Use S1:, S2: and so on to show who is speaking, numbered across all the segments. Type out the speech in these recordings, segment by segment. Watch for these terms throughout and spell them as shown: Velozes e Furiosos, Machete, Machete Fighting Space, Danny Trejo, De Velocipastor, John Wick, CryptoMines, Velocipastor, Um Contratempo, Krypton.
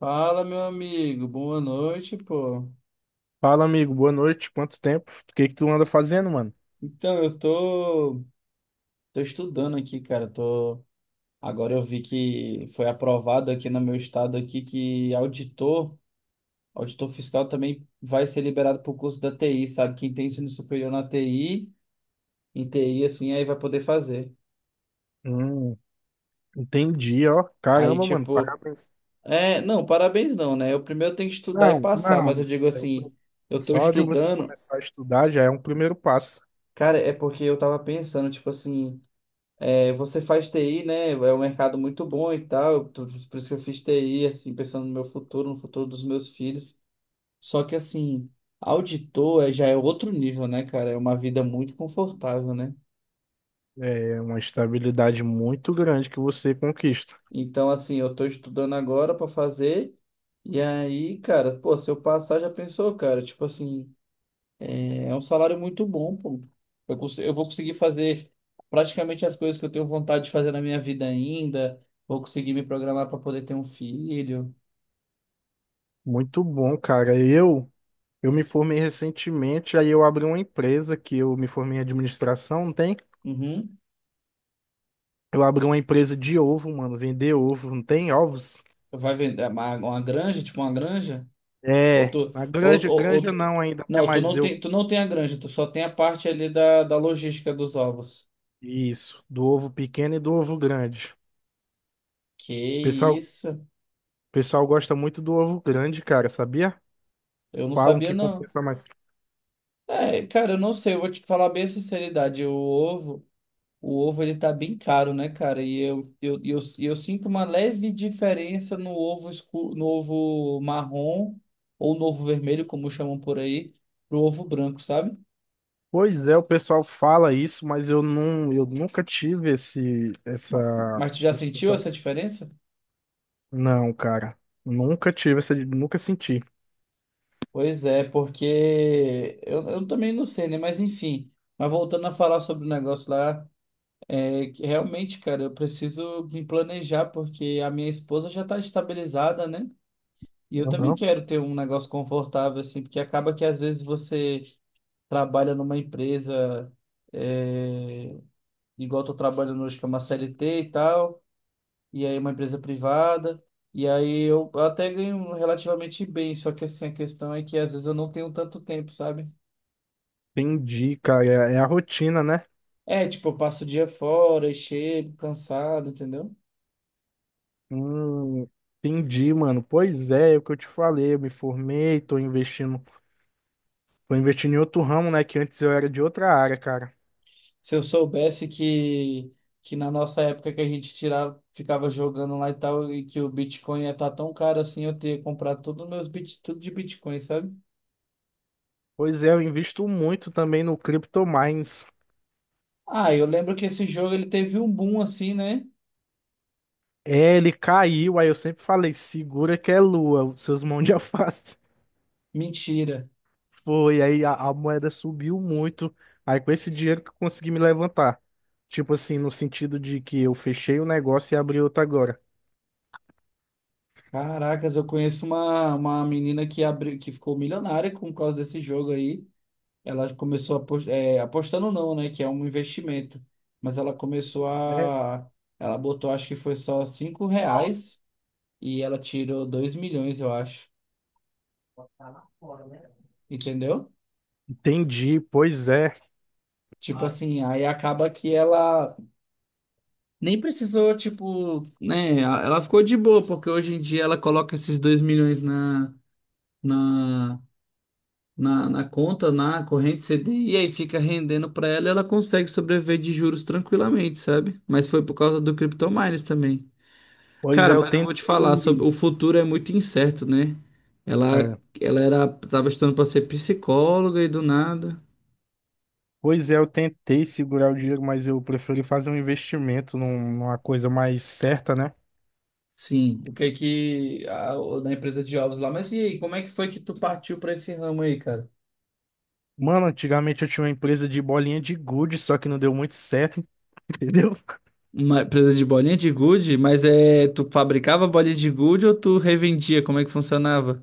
S1: Fala, meu amigo, boa noite, pô.
S2: Fala, amigo. Boa noite. Quanto tempo? O que que tu anda fazendo, mano?
S1: Eu tô estudando aqui, cara. Agora eu vi que foi aprovado aqui no meu estado aqui que auditor fiscal também vai ser liberado pro curso da TI, sabe? Quem tem ensino superior na TI, em TI, assim, aí vai poder fazer.
S2: Hum, entendi, ó.
S1: Aí,
S2: Caramba, mano.
S1: tipo,
S2: Parabéns.
S1: não, parabéns não, né? Eu primeiro tenho que estudar e
S2: Não,
S1: passar, mas eu
S2: não.
S1: digo
S2: é o pri-
S1: assim, eu tô
S2: Só de você
S1: estudando,
S2: começar a estudar já é um primeiro passo.
S1: cara, é porque eu tava pensando, tipo assim. É, você faz TI, né? É um mercado muito bom e tal. Por isso que eu fiz TI, assim, pensando no meu futuro, no futuro dos meus filhos. Só que, assim, já é outro nível, né, cara? É uma vida muito confortável, né?
S2: É uma estabilidade muito grande que você conquista.
S1: Então, assim, eu tô estudando agora para fazer. E aí, cara, pô, se eu passar, já pensou, cara? Tipo assim, é um salário muito bom, pô. Eu vou conseguir fazer praticamente as coisas que eu tenho vontade de fazer na minha vida ainda. Vou conseguir me programar para poder ter um filho.
S2: Muito bom, cara. Eu me formei recentemente, aí eu abri uma empresa que eu me formei em administração, não tem?
S1: Uhum.
S2: Eu abri uma empresa de ovo, mano, vender ovo, não tem ovos?
S1: Vai vender é, uma granja, tipo uma granja?
S2: É, na granja,
S1: Ou
S2: granja
S1: tu-
S2: não ainda, né?
S1: Não,
S2: Mas eu
S1: tu não tem a granja, tu só tem a parte ali da logística dos ovos.
S2: isso, do ovo pequeno e do ovo grande.
S1: Que
S2: Pessoal,
S1: isso?
S2: pessoal gosta muito do ovo grande, cara, sabia?
S1: Eu não
S2: Falam
S1: sabia
S2: que
S1: não.
S2: compensa mais.
S1: É, cara, eu não sei, eu vou te falar bem a sinceridade, o ovo ele tá bem caro, né, cara? E eu sinto uma leve diferença no ovo escuro, no ovo marrom ou no ovo vermelho, como chamam por aí, pro ovo branco, sabe?
S2: Pois é, o pessoal fala isso, mas eu não, eu nunca tive
S1: Ma- Mas tu já sentiu
S2: pensamento
S1: essa diferença?
S2: não, cara, nunca tive essa, nunca senti.
S1: Pois é, porque eu também não sei, né? Mas enfim. Mas voltando a falar sobre o negócio lá, é que realmente, cara, eu preciso me planejar, porque a minha esposa já tá estabilizada, né? E eu também
S2: Aham.
S1: quero ter um negócio confortável, assim, porque acaba que às vezes você trabalha numa empresa, é, igual eu tô trabalhando hoje, que é uma CLT e tal, e aí é uma empresa privada. E aí eu até ganho relativamente bem, só que assim, a questão é que às vezes eu não tenho tanto tempo, sabe?
S2: Entendi, cara, é, é a rotina, né?
S1: É, tipo, eu passo o dia fora e chego cansado, entendeu?
S2: Hum, entendi, mano. Pois é, é o que eu te falei, eu me formei, tô investindo em outro ramo, né? Que antes eu era de outra área, cara.
S1: Se eu soubesse que na nossa época que a gente tirava, ficava jogando lá e tal, e que o Bitcoin ia estar tão caro assim, eu teria comprado todos os meus bit, tudo de Bitcoin, sabe?
S2: Pois é, eu invisto muito também no CryptoMines.
S1: Ah, eu lembro que esse jogo ele teve um boom assim, né?
S2: É, ele caiu, aí eu sempre falei, segura que é lua, seus mãos de alface.
S1: Mentira.
S2: Foi, aí a moeda subiu muito. Aí com esse dinheiro que eu consegui me levantar. Tipo assim, no sentido de que eu fechei o negócio e abri outro agora.
S1: Caracas, eu conheço uma menina que abriu, que ficou milionária com causa desse jogo aí. Ela começou a pos- É, apostando não, né? Que é um investimento. Mas ela começou
S2: Né?
S1: a. Ela botou, acho que foi só R$ 5 e ela tirou 2 milhões, eu acho. Entendeu?
S2: Entendi, pois é.
S1: Tipo assim, aí acaba que ela nem precisou, tipo, né? Ela ficou de boa, porque hoje em dia ela coloca esses 2 milhões na, na conta, na corrente CDI, e aí fica rendendo pra ela e ela consegue sobreviver de juros tranquilamente, sabe? Mas foi por causa do CryptoMines também.
S2: Pois é,
S1: Cara,
S2: eu
S1: mas eu vou te falar sobre
S2: tentei.
S1: o futuro é muito incerto, né? Ela,
S2: É,
S1: ela era, tava estudando para ser psicóloga e do nada.
S2: pois é, eu tentei segurar o dinheiro, mas eu preferi fazer um investimento numa coisa mais certa, né?
S1: Sim, o que é que da empresa de ovos lá. Mas e aí, como é que foi que tu partiu para esse ramo aí, cara?
S2: Mano, antigamente eu tinha uma empresa de bolinha de gude, só que não deu muito certo, entendeu?
S1: Uma empresa de bolinha de gude, mas é, tu fabricava bolinha de gude ou tu revendia? Como é que funcionava?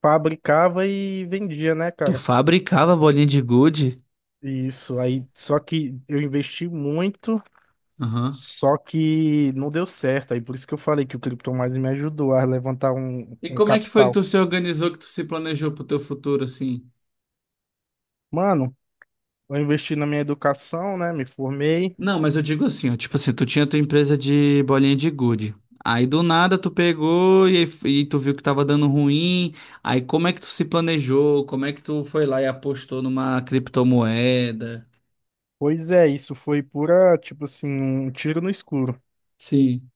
S2: Fabricava e vendia, né,
S1: Tu
S2: cara?
S1: fabricava bolinha de gude?
S2: Isso, aí só que eu investi muito,
S1: Aham.
S2: só que não deu certo. Aí por isso que eu falei que o Krypton mais me ajudou a levantar
S1: E
S2: um
S1: como é que foi que
S2: capital.
S1: tu se organizou, que tu se planejou pro teu futuro, assim?
S2: Mano, eu investi na minha educação, né? Me formei.
S1: Não, mas eu digo assim, ó, tipo assim, tu tinha tua empresa de bolinha de gude. Aí do nada tu pegou e, aí- E tu viu que tava dando ruim. Aí como é que tu se planejou? Como é que tu foi lá e apostou numa criptomoeda?
S2: Pois é, isso foi pura, tipo assim, um tiro no escuro.
S1: Sim.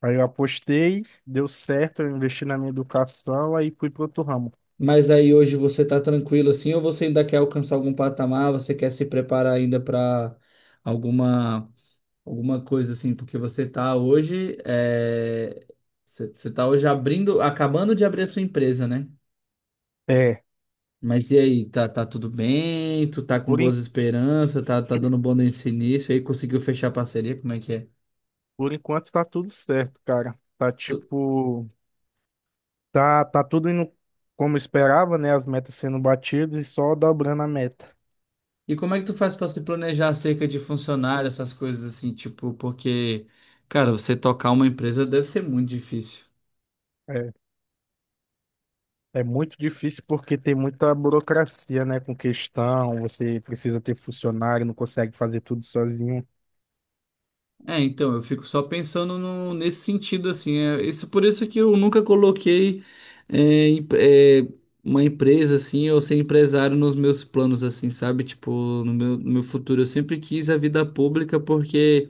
S2: Aí eu apostei, deu certo, eu investi na minha educação, aí fui pro outro ramo.
S1: Mas aí hoje você tá tranquilo assim, ou você ainda quer alcançar algum patamar? Você quer se preparar ainda para alguma alguma coisa assim? Porque você tá hoje, você tá hoje abrindo, acabando de abrir a sua empresa, né?
S2: É,
S1: Mas e aí, tá tudo bem? Tu tá com
S2: por,
S1: boas
S2: en-
S1: esperanças? Tá dando bom nesse início? Aí conseguiu fechar a parceria? Como é que é?
S2: por enquanto tá tudo certo, cara. Tá
S1: Tu-
S2: tipo. Tá, tá tudo indo como esperava, né? As metas sendo batidas e só dobrando a meta.
S1: E como é que tu faz pra se planejar acerca de funcionário, essas coisas assim, tipo, porque, cara, você tocar uma empresa deve ser muito difícil.
S2: É, é muito difícil porque tem muita burocracia, né? Com questão, você precisa ter funcionário, não consegue fazer tudo sozinho.
S1: É, então, eu fico só pensando nesse sentido, assim, isso, por isso que eu nunca coloquei é, em- é, uma empresa, assim, ou ser empresário nos meus planos, assim, sabe? Tipo, no meu futuro, eu sempre quis a vida pública porque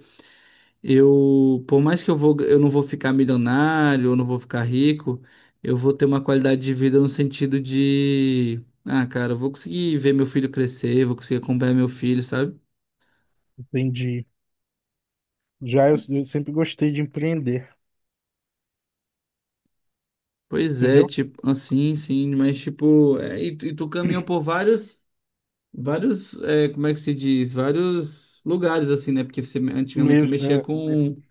S1: eu, por mais que eu vou, eu não vou ficar milionário, eu não vou ficar rico, eu vou ter uma qualidade de vida no sentido de, ah, cara, eu vou conseguir ver meu filho crescer, vou conseguir acompanhar meu filho, sabe?
S2: Entendi. Já eu sempre gostei de empreender,
S1: Pois é,
S2: entendeu?
S1: tipo, assim, sim, mas tipo, tu caminhou por vários, é, como é que se diz? Vários lugares, assim, né? Porque você, antigamente
S2: Meio,
S1: você mexia
S2: é, me-
S1: com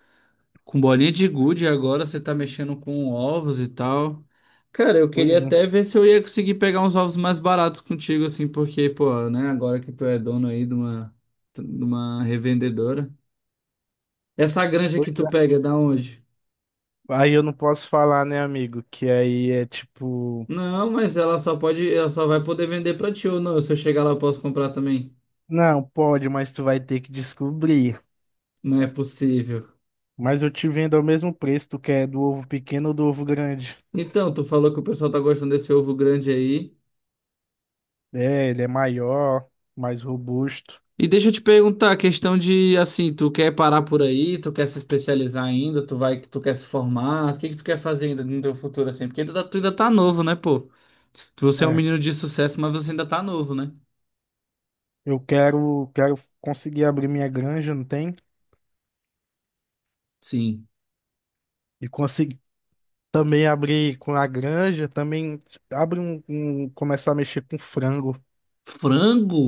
S1: Com bolinha de gude, agora você tá mexendo com ovos e tal. Cara, eu queria
S2: Pois, né?
S1: até ver se eu ia conseguir pegar uns ovos mais baratos contigo, assim, porque, pô, né, agora que tu é dono aí de de uma revendedora. Essa granja
S2: Pois
S1: que tu
S2: é.
S1: pega é da onde?
S2: Aí eu não posso falar, né, amigo? Que aí é tipo,
S1: Não, mas ela só pode, ela só vai poder vender pra ti ou não. Se eu chegar lá, eu posso comprar também.
S2: não, pode, mas tu vai ter que descobrir.
S1: Não é possível.
S2: Mas eu te vendo ao mesmo preço, tu quer do ovo pequeno ou do ovo grande?
S1: Então, tu falou que o pessoal tá gostando desse ovo grande aí.
S2: É, ele é maior, mais robusto.
S1: E deixa eu te perguntar, a questão de assim, tu quer parar por aí, tu quer se especializar ainda, tu quer se formar, o que que tu quer fazer ainda no teu futuro assim? Porque tu ainda tá novo, né, pô? Você é um
S2: É,
S1: menino de sucesso, mas você ainda tá novo, né?
S2: quero conseguir abrir minha granja, não tem?
S1: Sim.
S2: E conseguir também abrir com a granja, também abre começar a mexer com frango.
S1: Frango?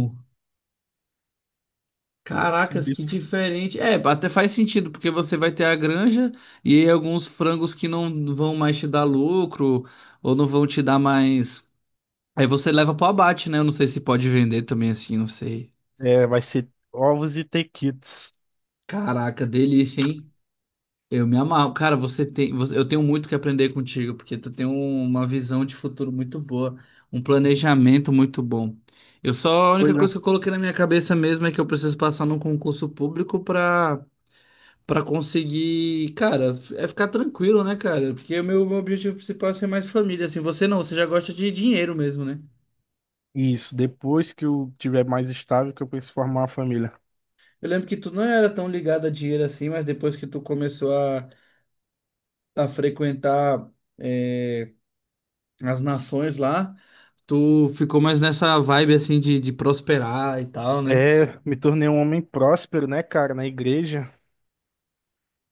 S1: Caracas, que
S2: Isso.
S1: diferente. É, até faz sentido, porque você vai ter a granja e aí alguns frangos que não vão mais te dar lucro ou não vão te dar mais. Aí você leva pro abate, né? Eu não sei se pode vender também assim, não sei.
S2: É, vai ser ovos e tequitos.
S1: Caraca, delícia, hein? Eu me amarro. Cara, eu tenho muito que aprender contigo, porque uma visão de futuro muito boa, um planejamento muito bom. A única
S2: Pois
S1: coisa
S2: é.
S1: que eu coloquei na minha cabeça mesmo é que eu preciso passar num concurso público pra, pra conseguir, cara, ficar tranquilo, né, cara? Porque o meu objetivo principal é ser mais família, assim. Você não, você já gosta de dinheiro mesmo, né?
S2: Isso, depois que eu tiver mais estável, que eu penso em formar uma família.
S1: Eu lembro que tu não era tão ligado a dinheiro assim, mas depois que tu começou a frequentar. eh, as nações lá, tu ficou mais nessa vibe assim de prosperar e tal, né?
S2: É, me tornei um homem próspero, né, cara, na igreja.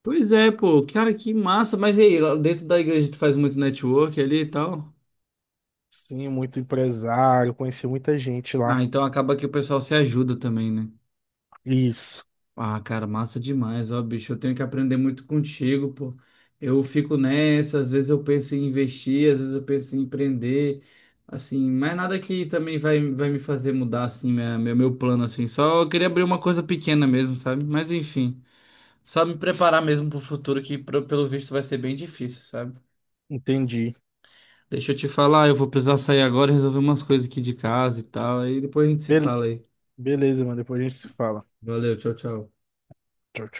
S1: Pois é, pô, cara, que massa. Mas e aí, lá dentro da igreja tu faz muito network ali e tal?
S2: Sim, muito empresário, conheci muita gente
S1: Ah,
S2: lá.
S1: então acaba que o pessoal se ajuda também, né?
S2: Isso,
S1: Ah, cara, massa demais, ó, bicho. Eu tenho que aprender muito contigo, pô. Eu fico nessa, às vezes eu penso em investir, às vezes eu penso em empreender, assim, mas nada que também vai me fazer mudar, assim, meu plano, assim. Só eu queria abrir uma coisa pequena mesmo, sabe? Mas enfim. Só me preparar mesmo pro futuro, que pelo visto vai ser bem difícil, sabe?
S2: entendi.
S1: Deixa eu te falar, eu vou precisar sair agora e resolver umas coisas aqui de casa e tal. Aí depois a gente se fala aí.
S2: Beleza, mano. Depois a gente se fala.
S1: Valeu, tchau, tchau.
S2: Tchau, tchau.